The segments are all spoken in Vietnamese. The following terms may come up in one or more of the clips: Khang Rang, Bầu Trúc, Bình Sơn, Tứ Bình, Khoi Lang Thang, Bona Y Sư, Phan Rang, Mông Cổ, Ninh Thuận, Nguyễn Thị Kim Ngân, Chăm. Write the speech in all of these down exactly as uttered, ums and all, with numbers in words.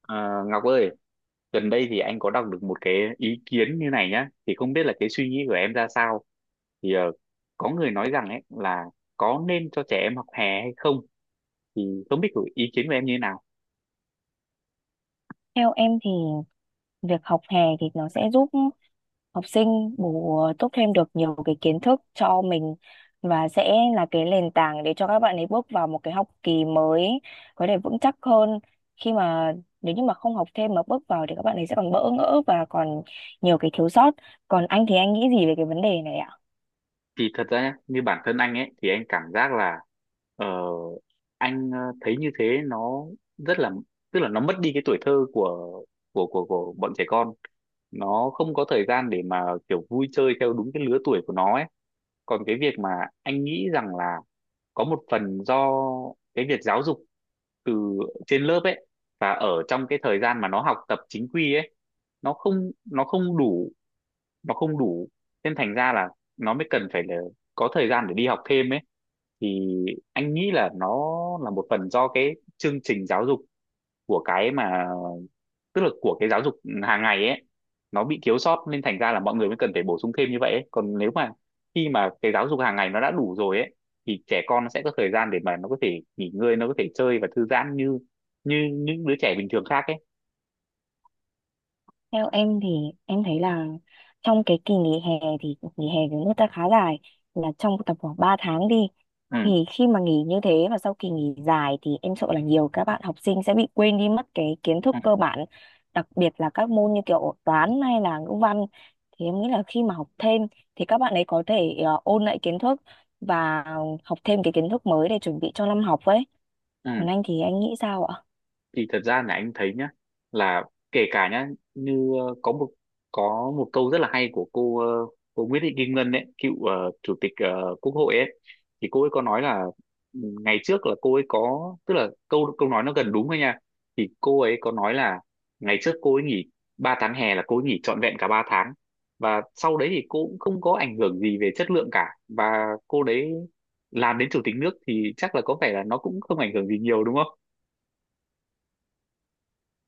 Ờ, Ngọc ơi, gần đây thì anh có đọc được một cái ý kiến như này nhá, thì không biết là cái suy nghĩ của em ra sao. Thì ờ, có người nói rằng ấy là có nên cho trẻ em học hè hay không, thì không biết của ý kiến của em như thế nào. Theo em thì việc học hè thì nó sẽ giúp học sinh bổ túc thêm được nhiều cái kiến thức cho mình và sẽ là cái nền tảng để cho các bạn ấy bước vào một cái học kỳ mới có thể vững chắc hơn khi mà nếu như mà không học thêm mà bước vào thì các bạn ấy sẽ còn bỡ ngỡ và còn nhiều cái thiếu sót. Còn anh thì anh nghĩ gì về cái vấn đề này ạ? Thì thật ra nhá, như bản thân anh ấy thì anh cảm giác là ờ, anh ờ, thấy như thế nó rất là, tức là nó mất đi cái tuổi thơ của của của của bọn trẻ con. Nó không có thời gian để mà kiểu vui chơi theo đúng cái lứa tuổi của nó ấy, còn cái việc mà anh nghĩ rằng là có một phần do cái việc giáo dục từ trên lớp ấy và ở trong cái thời gian mà nó học tập chính quy ấy, nó không nó không đủ nó không đủ, nên thành ra là nó mới cần phải là có thời gian để đi học thêm ấy. Thì anh nghĩ là nó là một phần do cái chương trình giáo dục của cái mà, tức là của cái giáo dục hàng ngày ấy, nó bị thiếu sót nên thành ra là mọi người mới cần phải bổ sung thêm như vậy ấy. Còn nếu mà khi mà cái giáo dục hàng ngày nó đã đủ rồi ấy, thì trẻ con nó sẽ có thời gian để mà nó có thể nghỉ ngơi, nó có thể chơi và thư giãn như như những đứa trẻ bình thường khác ấy. Theo em thì em thấy là trong cái kỳ nghỉ hè thì nghỉ hè của nước ta khá dài, là trong tầm khoảng ba tháng đi, Ừ, thì khi mà nghỉ như thế và sau kỳ nghỉ dài thì em sợ là nhiều các bạn học sinh sẽ bị quên đi mất cái kiến ừ, thức cơ bản, đặc biệt là các môn như kiểu toán hay là ngữ văn. Thì em nghĩ là khi mà học thêm thì các bạn ấy có thể ờ, ôn lại kiến thức và học thêm cái kiến thức mới để chuẩn bị cho năm học ấy. ừ. Còn anh thì anh nghĩ sao ạ? Thì thật ra là anh thấy nhá, là kể cả nhá, như ờ, có một có một câu rất là hay của cô ờ, cô Nguyễn Thị Kim Ngân ấy, cựu ờ, chủ tịch ờ, Quốc hội ấy. Thì cô ấy có nói là ừ, ngày trước là cô ấy có, tức là câu câu nói nó gần đúng thôi nha, thì cô ấy có nói là ngày trước cô ấy nghỉ ba tháng hè là cô ấy nghỉ trọn vẹn cả ba tháng. Và sau đấy thì cô cũng không có ảnh hưởng gì về chất lượng cả, và cô đấy làm đến chủ tịch nước thì chắc là có vẻ là nó cũng không ảnh hưởng gì nhiều, đúng không?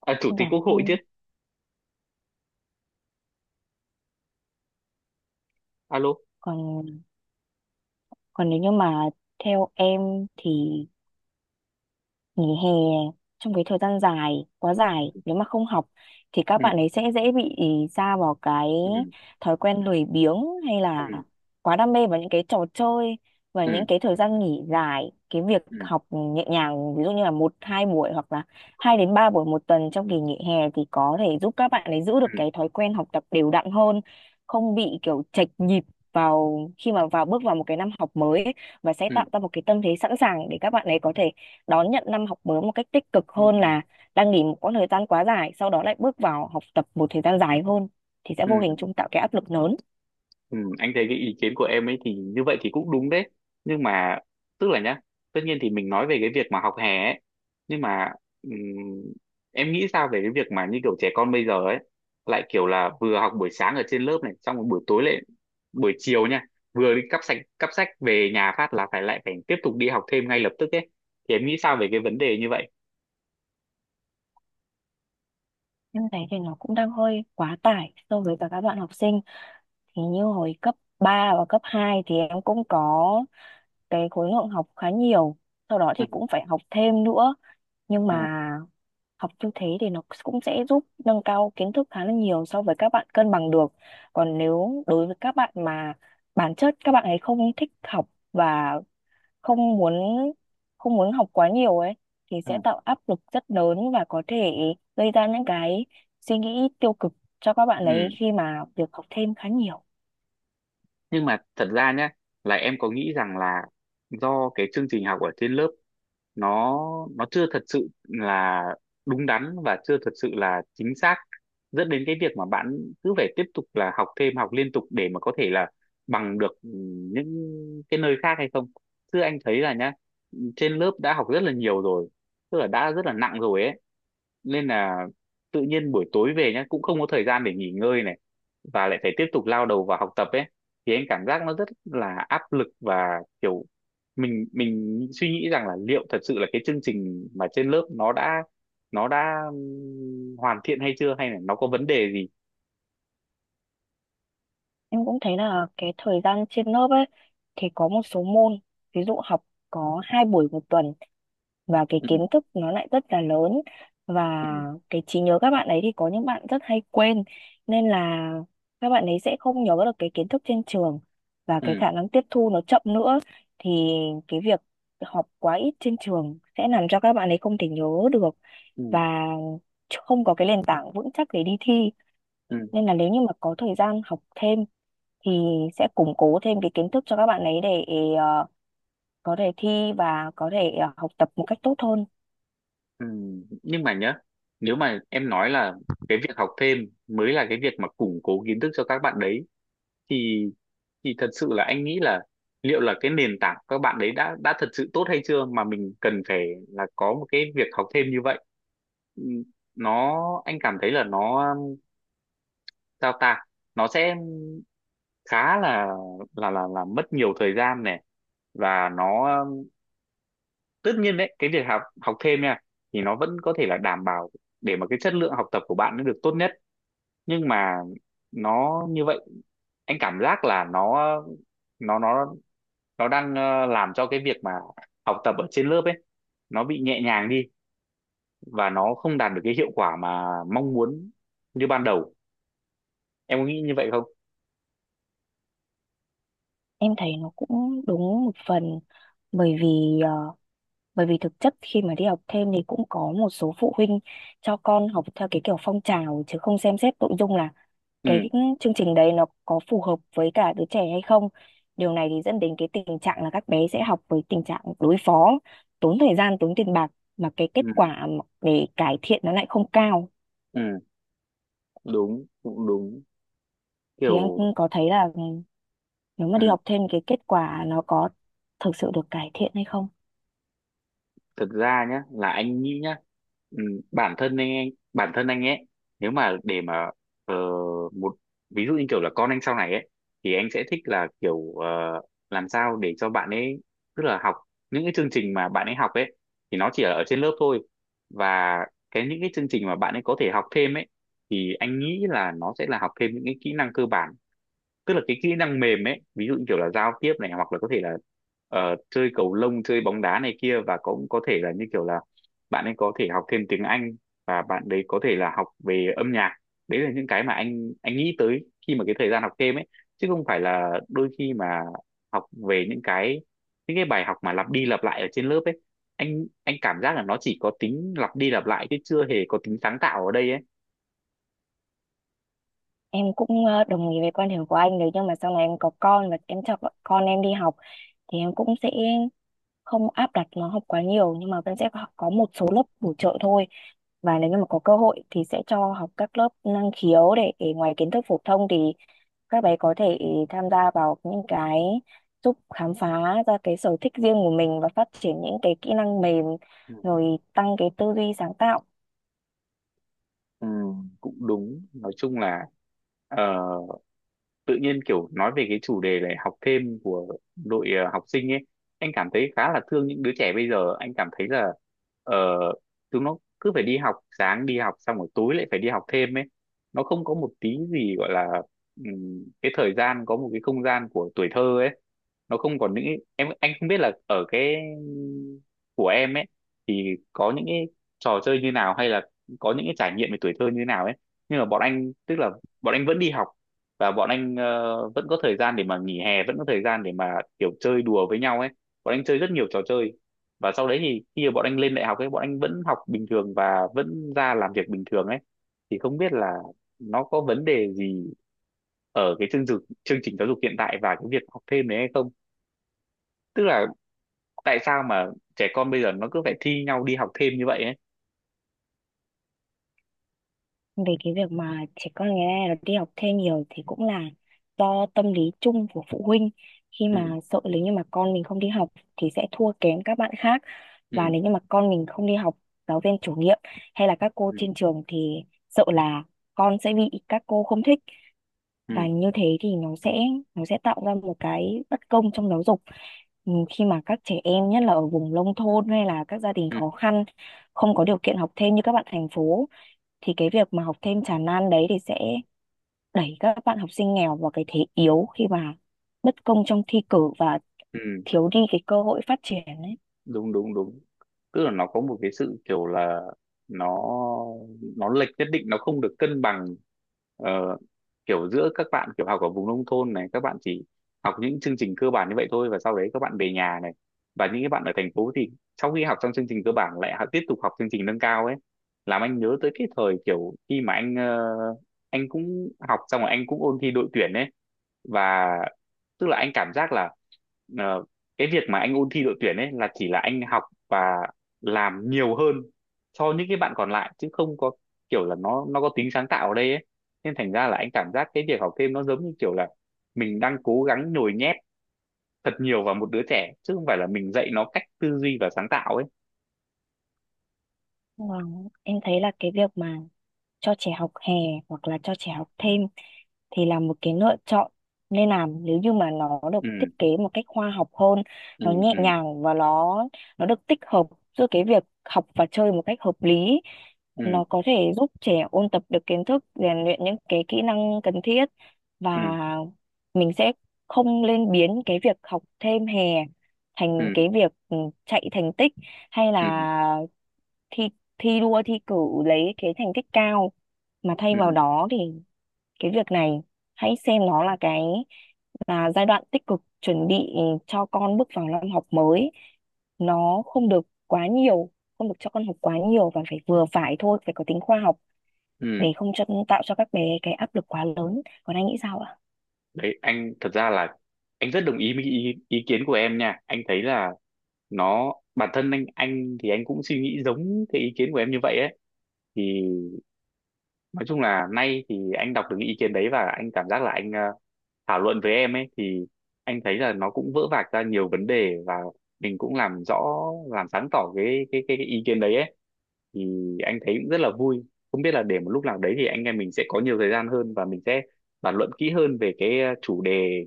À, chủ tịch Vâng, quốc hội chứ. anh. Alo. Còn còn nếu như mà theo em thì nghỉ hè trong cái thời gian dài quá dài, nếu mà không học thì các Ừ, bạn ấy sẽ dễ bị sa vào cái ừ, thói quen lười biếng hay ừ, là quá đam mê vào những cái trò chơi. Và ừ, những cái thời gian nghỉ dài, cái việc ừ, học nhẹ nhàng ví dụ như là một hai buổi hoặc là hai đến ba buổi một tuần trong kỳ nghỉ hè thì có thể giúp các bạn ấy giữ được ừ, cái thói quen học tập đều đặn hơn, không bị kiểu chệch nhịp vào khi mà vào bước vào một cái năm học mới ấy, và sẽ ừ, tạo ra một cái tâm thế sẵn sàng để các bạn ấy có thể đón nhận năm học mới một cách tích cực ừ, hơn là đang nghỉ một quãng thời gian quá dài sau đó lại bước vào học tập một thời gian dài hơn thì sẽ vô hình ừ, chung tạo cái áp lực lớn. ừ. Anh thấy cái ý kiến của em ấy thì như vậy thì cũng đúng đấy, nhưng mà tức là nhá, tất nhiên thì mình nói về cái việc mà học hè ấy, nhưng mà ừm, em nghĩ sao về cái việc mà như kiểu trẻ con bây giờ ấy lại kiểu là vừa học buổi sáng ở trên lớp này xong rồi buổi tối lại, buổi chiều nha, vừa đi cắp sách cắp sách về nhà phát là phải lại phải tiếp tục đi học thêm ngay lập tức ấy, thì em nghĩ sao về cái vấn đề như vậy? Em thấy thì nó cũng đang hơi quá tải so với cả các bạn học sinh. Thì như hồi cấp ba và cấp hai thì em cũng có cái khối lượng học khá nhiều, sau đó Ừ, thì cũng phải học thêm nữa. Nhưng ừ, mà học như thế thì nó cũng sẽ giúp nâng cao kiến thức khá là nhiều so với các bạn cân bằng được. Còn nếu đối với các bạn mà bản chất các bạn ấy không thích học và không muốn không muốn học quá nhiều ấy thì sẽ tạo áp lực rất lớn và có thể gây ra những cái suy nghĩ tiêu cực cho các bạn ấy ừ. khi mà việc học thêm khá nhiều. Nhưng mà thật ra nhé, là em có nghĩ rằng là do cái chương trình học ở trên lớp nó nó chưa thật sự là đúng đắn và chưa thật sự là chính xác, dẫn đến cái việc mà bạn cứ phải tiếp tục là học thêm, học liên tục để mà có thể là bằng được ừ, những cái nơi khác hay không. Chứ anh thấy là nhá, trên lớp đã học rất là nhiều rồi, tức là đã rất là nặng rồi ấy, nên là tự nhiên buổi tối về nhá cũng không có thời gian để nghỉ ngơi này và lại phải tiếp tục lao đầu vào học tập ấy, thì anh cảm giác nó rất là áp lực và kiểu mình mình suy nghĩ rằng là liệu thật sự là cái chương trình mà trên lớp nó đã nó đã ừm, hoàn thiện hay chưa, hay là nó có vấn đề gì. Em cũng thấy là cái thời gian trên lớp ấy thì có một số môn ví dụ học có hai buổi một tuần và cái Ừ, kiến thức nó lại rất là lớn, và ừ, cái trí nhớ các bạn ấy thì có những bạn rất hay quên, nên là các bạn ấy sẽ không nhớ được cái kiến thức trên trường và cái ừ, khả năng tiếp thu nó chậm nữa. Thì cái việc học quá ít trên trường sẽ làm cho các bạn ấy không thể nhớ được và ừ, không có cái nền tảng vững chắc để đi thi. ừ, Nên là nếu như mà có thời gian học thêm thì sẽ củng cố thêm cái kiến thức cho các bạn ấy để ờ, có thể thi và có thể ờ, học tập một cách tốt hơn. ừ. Nhưng mà nhá, nếu mà em nói là cái việc học thêm mới là cái việc mà củng cố kiến thức cho các bạn đấy, thì thì thật sự là anh nghĩ là liệu là cái nền tảng các bạn đấy đã đã thật sự tốt hay chưa mà mình cần phải là có một cái việc học thêm như vậy. Ừ, nó anh cảm thấy là nó sao ta, nó sẽ khá là là là là mất nhiều thời gian này. Và nó, tất nhiên đấy cái việc học học thêm nha, thì nó vẫn có thể là đảm bảo để mà cái chất lượng học tập của bạn nó được tốt nhất. Nhưng mà nó như vậy, anh cảm giác là nó nó nó nó đang ờ, làm cho cái việc mà học tập ở trên lớp ấy nó bị nhẹ nhàng đi và nó không đạt được cái hiệu quả mà mong muốn như ban đầu. Em có nghĩ như vậy không? Em thấy nó cũng đúng một phần, bởi vì ờ, bởi vì thực chất khi mà đi học thêm thì cũng có một số phụ huynh cho con học theo cái kiểu phong trào chứ không xem xét nội dung là Ừ, cái chương trình đấy nó có phù hợp với cả đứa trẻ hay không. Điều này thì dẫn đến cái tình trạng là các bé sẽ học với tình trạng đối phó, tốn thời gian tốn tiền bạc mà cái kết ừ, quả mà để cải thiện nó lại không cao. ừ. Đúng, cũng đúng, Thì anh kiểu. có thấy là, ừ, nếu mà Ừ. đi học thêm cái kết quả nó có thực sự được cải thiện hay không? Thực ra nhá là anh nghĩ nhá, ừ, bản thân anh, anh bản thân anh ấy, nếu mà để mà ờ, một ví dụ như kiểu là con anh sau này ấy, thì anh sẽ thích là kiểu ờ, làm sao để cho bạn ấy, tức là học những cái chương trình mà bạn ấy học ấy thì nó chỉ là ở trên lớp thôi. Và cái những cái chương trình mà bạn ấy có thể học thêm ấy thì anh nghĩ là nó sẽ là học thêm những cái kỹ năng cơ bản, tức là cái kỹ năng mềm ấy, ví dụ như kiểu là giao tiếp này, hoặc là có thể là ờ, chơi cầu lông, chơi bóng đá này kia, và cũng có thể là như kiểu là bạn ấy có thể học thêm tiếng Anh, và bạn đấy có thể là học về âm nhạc. Đấy là những cái mà anh anh nghĩ tới khi mà cái thời gian học thêm ấy, chứ không phải là đôi khi mà học về những cái, những cái bài học mà lặp đi lặp lại ở trên lớp ấy. Anh anh cảm giác là nó chỉ có tính lặp đi lặp lại chứ chưa hề có tính sáng tạo ở đây ấy. Em cũng ờ, đồng ý với quan điểm của anh đấy, nhưng mà sau này em có con và em cho bọn- con em đi học thì em cũng sẽ không áp đặt nó học quá nhiều, nhưng mà vẫn sẽ có có một số lớp bổ trợ thôi, và nếu như mà có cơ hội thì sẽ cho học các lớp năng khiếu để, để ngoài kiến thức phổ thông thì các bé có thể tham gia vào những cái giúp khám phá ra cái sở thích riêng của mình và phát triển những cái kỹ năng mềm, Ừ. rồi tăng cái tư duy sáng tạo. Ừ, cũng đúng, nói chung là ờ, tự nhiên kiểu nói về cái chủ đề này, học thêm của đội ờ, học sinh ấy, anh cảm thấy khá là thương những đứa trẻ bây giờ, anh cảm thấy là ờ, chúng nó cứ phải đi học sáng, đi học xong rồi tối lại phải đi học thêm ấy, nó không có một tí gì gọi là ừm, cái thời gian, có một cái không gian của tuổi thơ ấy. Nó không còn những, em, anh không biết là ở cái của em ấy thì có những cái trò chơi như nào hay là có những cái trải nghiệm về tuổi thơ như nào ấy. Nhưng mà bọn anh, tức là bọn anh vẫn đi học, và bọn anh ờ, vẫn có thời gian để mà nghỉ hè, vẫn có thời gian để mà kiểu chơi đùa với nhau ấy, bọn anh chơi rất nhiều trò chơi. Và sau đấy thì khi mà bọn anh lên đại học ấy, bọn anh vẫn học bình thường và vẫn ra làm việc bình thường ấy. Thì không biết là nó có vấn đề gì ở cái chương trình chương trình giáo dục hiện tại và cái việc học thêm đấy hay không, tức là tại sao mà trẻ con bây giờ nó cứ phải thi nhau đi học thêm như vậy ấy. Về cái việc mà trẻ con ngày nay nó đi học thêm nhiều thì cũng là do tâm lý chung của phụ huynh, khi Ừ, mà sợ nếu như mà con mình không đi học thì sẽ thua kém các bạn khác, ừ, và nếu như mà con mình không đi học giáo viên chủ nhiệm hay là các cô ừ, trên trường thì sợ là con sẽ bị các cô không thích, ừ, và như thế thì nó sẽ nó sẽ tạo ra một cái bất công trong giáo dục. Ừ, khi mà các trẻ em nhất là ở vùng nông thôn hay là các gia đình khó khăn không có điều kiện học thêm như các bạn thành phố, thì cái việc mà học thêm tràn lan đấy thì sẽ đẩy các bạn học sinh nghèo vào cái thế yếu khi mà bất công trong thi cử và ừ. thiếu đi cái cơ hội phát triển ấy. Đúng, đúng, đúng. Tức là nó có một cái sự kiểu là nó nó lệch nhất định, nó không được cân bằng. ờ, kiểu giữa các bạn kiểu học ở vùng nông thôn này, các bạn chỉ học những chương trình cơ bản như vậy thôi và sau đấy các bạn về nhà này, và những cái bạn ở thành phố thì sau khi học xong chương trình cơ bản lại học, tiếp tục học chương trình nâng cao ấy. Làm anh nhớ tới cái thời kiểu khi mà anh ờ, anh cũng học xong rồi anh cũng ôn thi đội tuyển ấy. Và tức là anh cảm giác là ờ, cái việc mà anh ôn thi đội tuyển ấy là chỉ là anh học và làm nhiều hơn so những cái bạn còn lại, chứ không có kiểu là nó nó có tính sáng tạo ở đây ấy. Nên thành ra là anh cảm giác cái việc học thêm nó giống như kiểu là mình đang cố gắng nhồi nhét thật nhiều vào một đứa trẻ chứ không phải là mình dạy nó cách tư duy và sáng tạo ấy. Vâng, em thấy là cái việc mà cho trẻ học hè hoặc là cho trẻ học thêm thì là một cái lựa chọn nên làm nếu như mà nó được Ừ, thiết kế một cách khoa học hơn, ừ, nó nhẹ ừ, nhàng và nó nó được tích hợp giữa cái việc học và chơi một cách hợp lý. Nó ừ, có thể giúp trẻ ôn tập được kiến thức, rèn luyện những cái kỹ năng cần thiết, và ừ, mình sẽ không lên biến cái việc học thêm hè thành ừ, cái việc, ừ, chạy thành tích hay ừ, là thi thi đua thi cử lấy cái thành tích cao, mà thay ừ, vào đó thì cái việc này hãy xem nó là cái, là giai đoạn tích cực chuẩn bị cho con bước vào năm học mới. Nó không được quá nhiều, không được cho con học quá nhiều và phải vừa phải thôi, phải có tính khoa học để ừ. không cho, tạo cho các bé cái áp lực quá lớn. Còn anh nghĩ sao ạ? Đấy anh thật ra là anh rất đồng ý với ý, ý kiến của em nha, anh thấy là nó, bản thân anh anh thì anh cũng suy nghĩ giống cái ý kiến của em như vậy ấy. Thì nói chung là nay thì anh đọc được cái ý kiến đấy và anh cảm giác là anh ờ, thảo luận với em ấy, thì anh thấy là nó cũng vỡ vạc ra nhiều vấn đề và mình cũng làm rõ, làm sáng tỏ cái cái cái, cái ý kiến đấy ấy. Thì anh thấy cũng rất là vui, không biết là để một lúc nào đấy thì anh em mình sẽ có nhiều thời gian hơn và mình sẽ bàn luận kỹ hơn về cái ờ, chủ đề,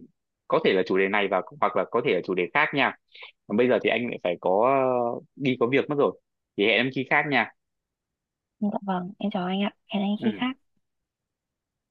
có thể là chủ đề này và hoặc là có thể là chủ đề khác nha. Còn bây giờ thì anh lại phải có đi có việc mất rồi, thì hẹn em khi khác nha. Dạ vâng, em chào anh ạ, hẹn anh khi Ừ. khác.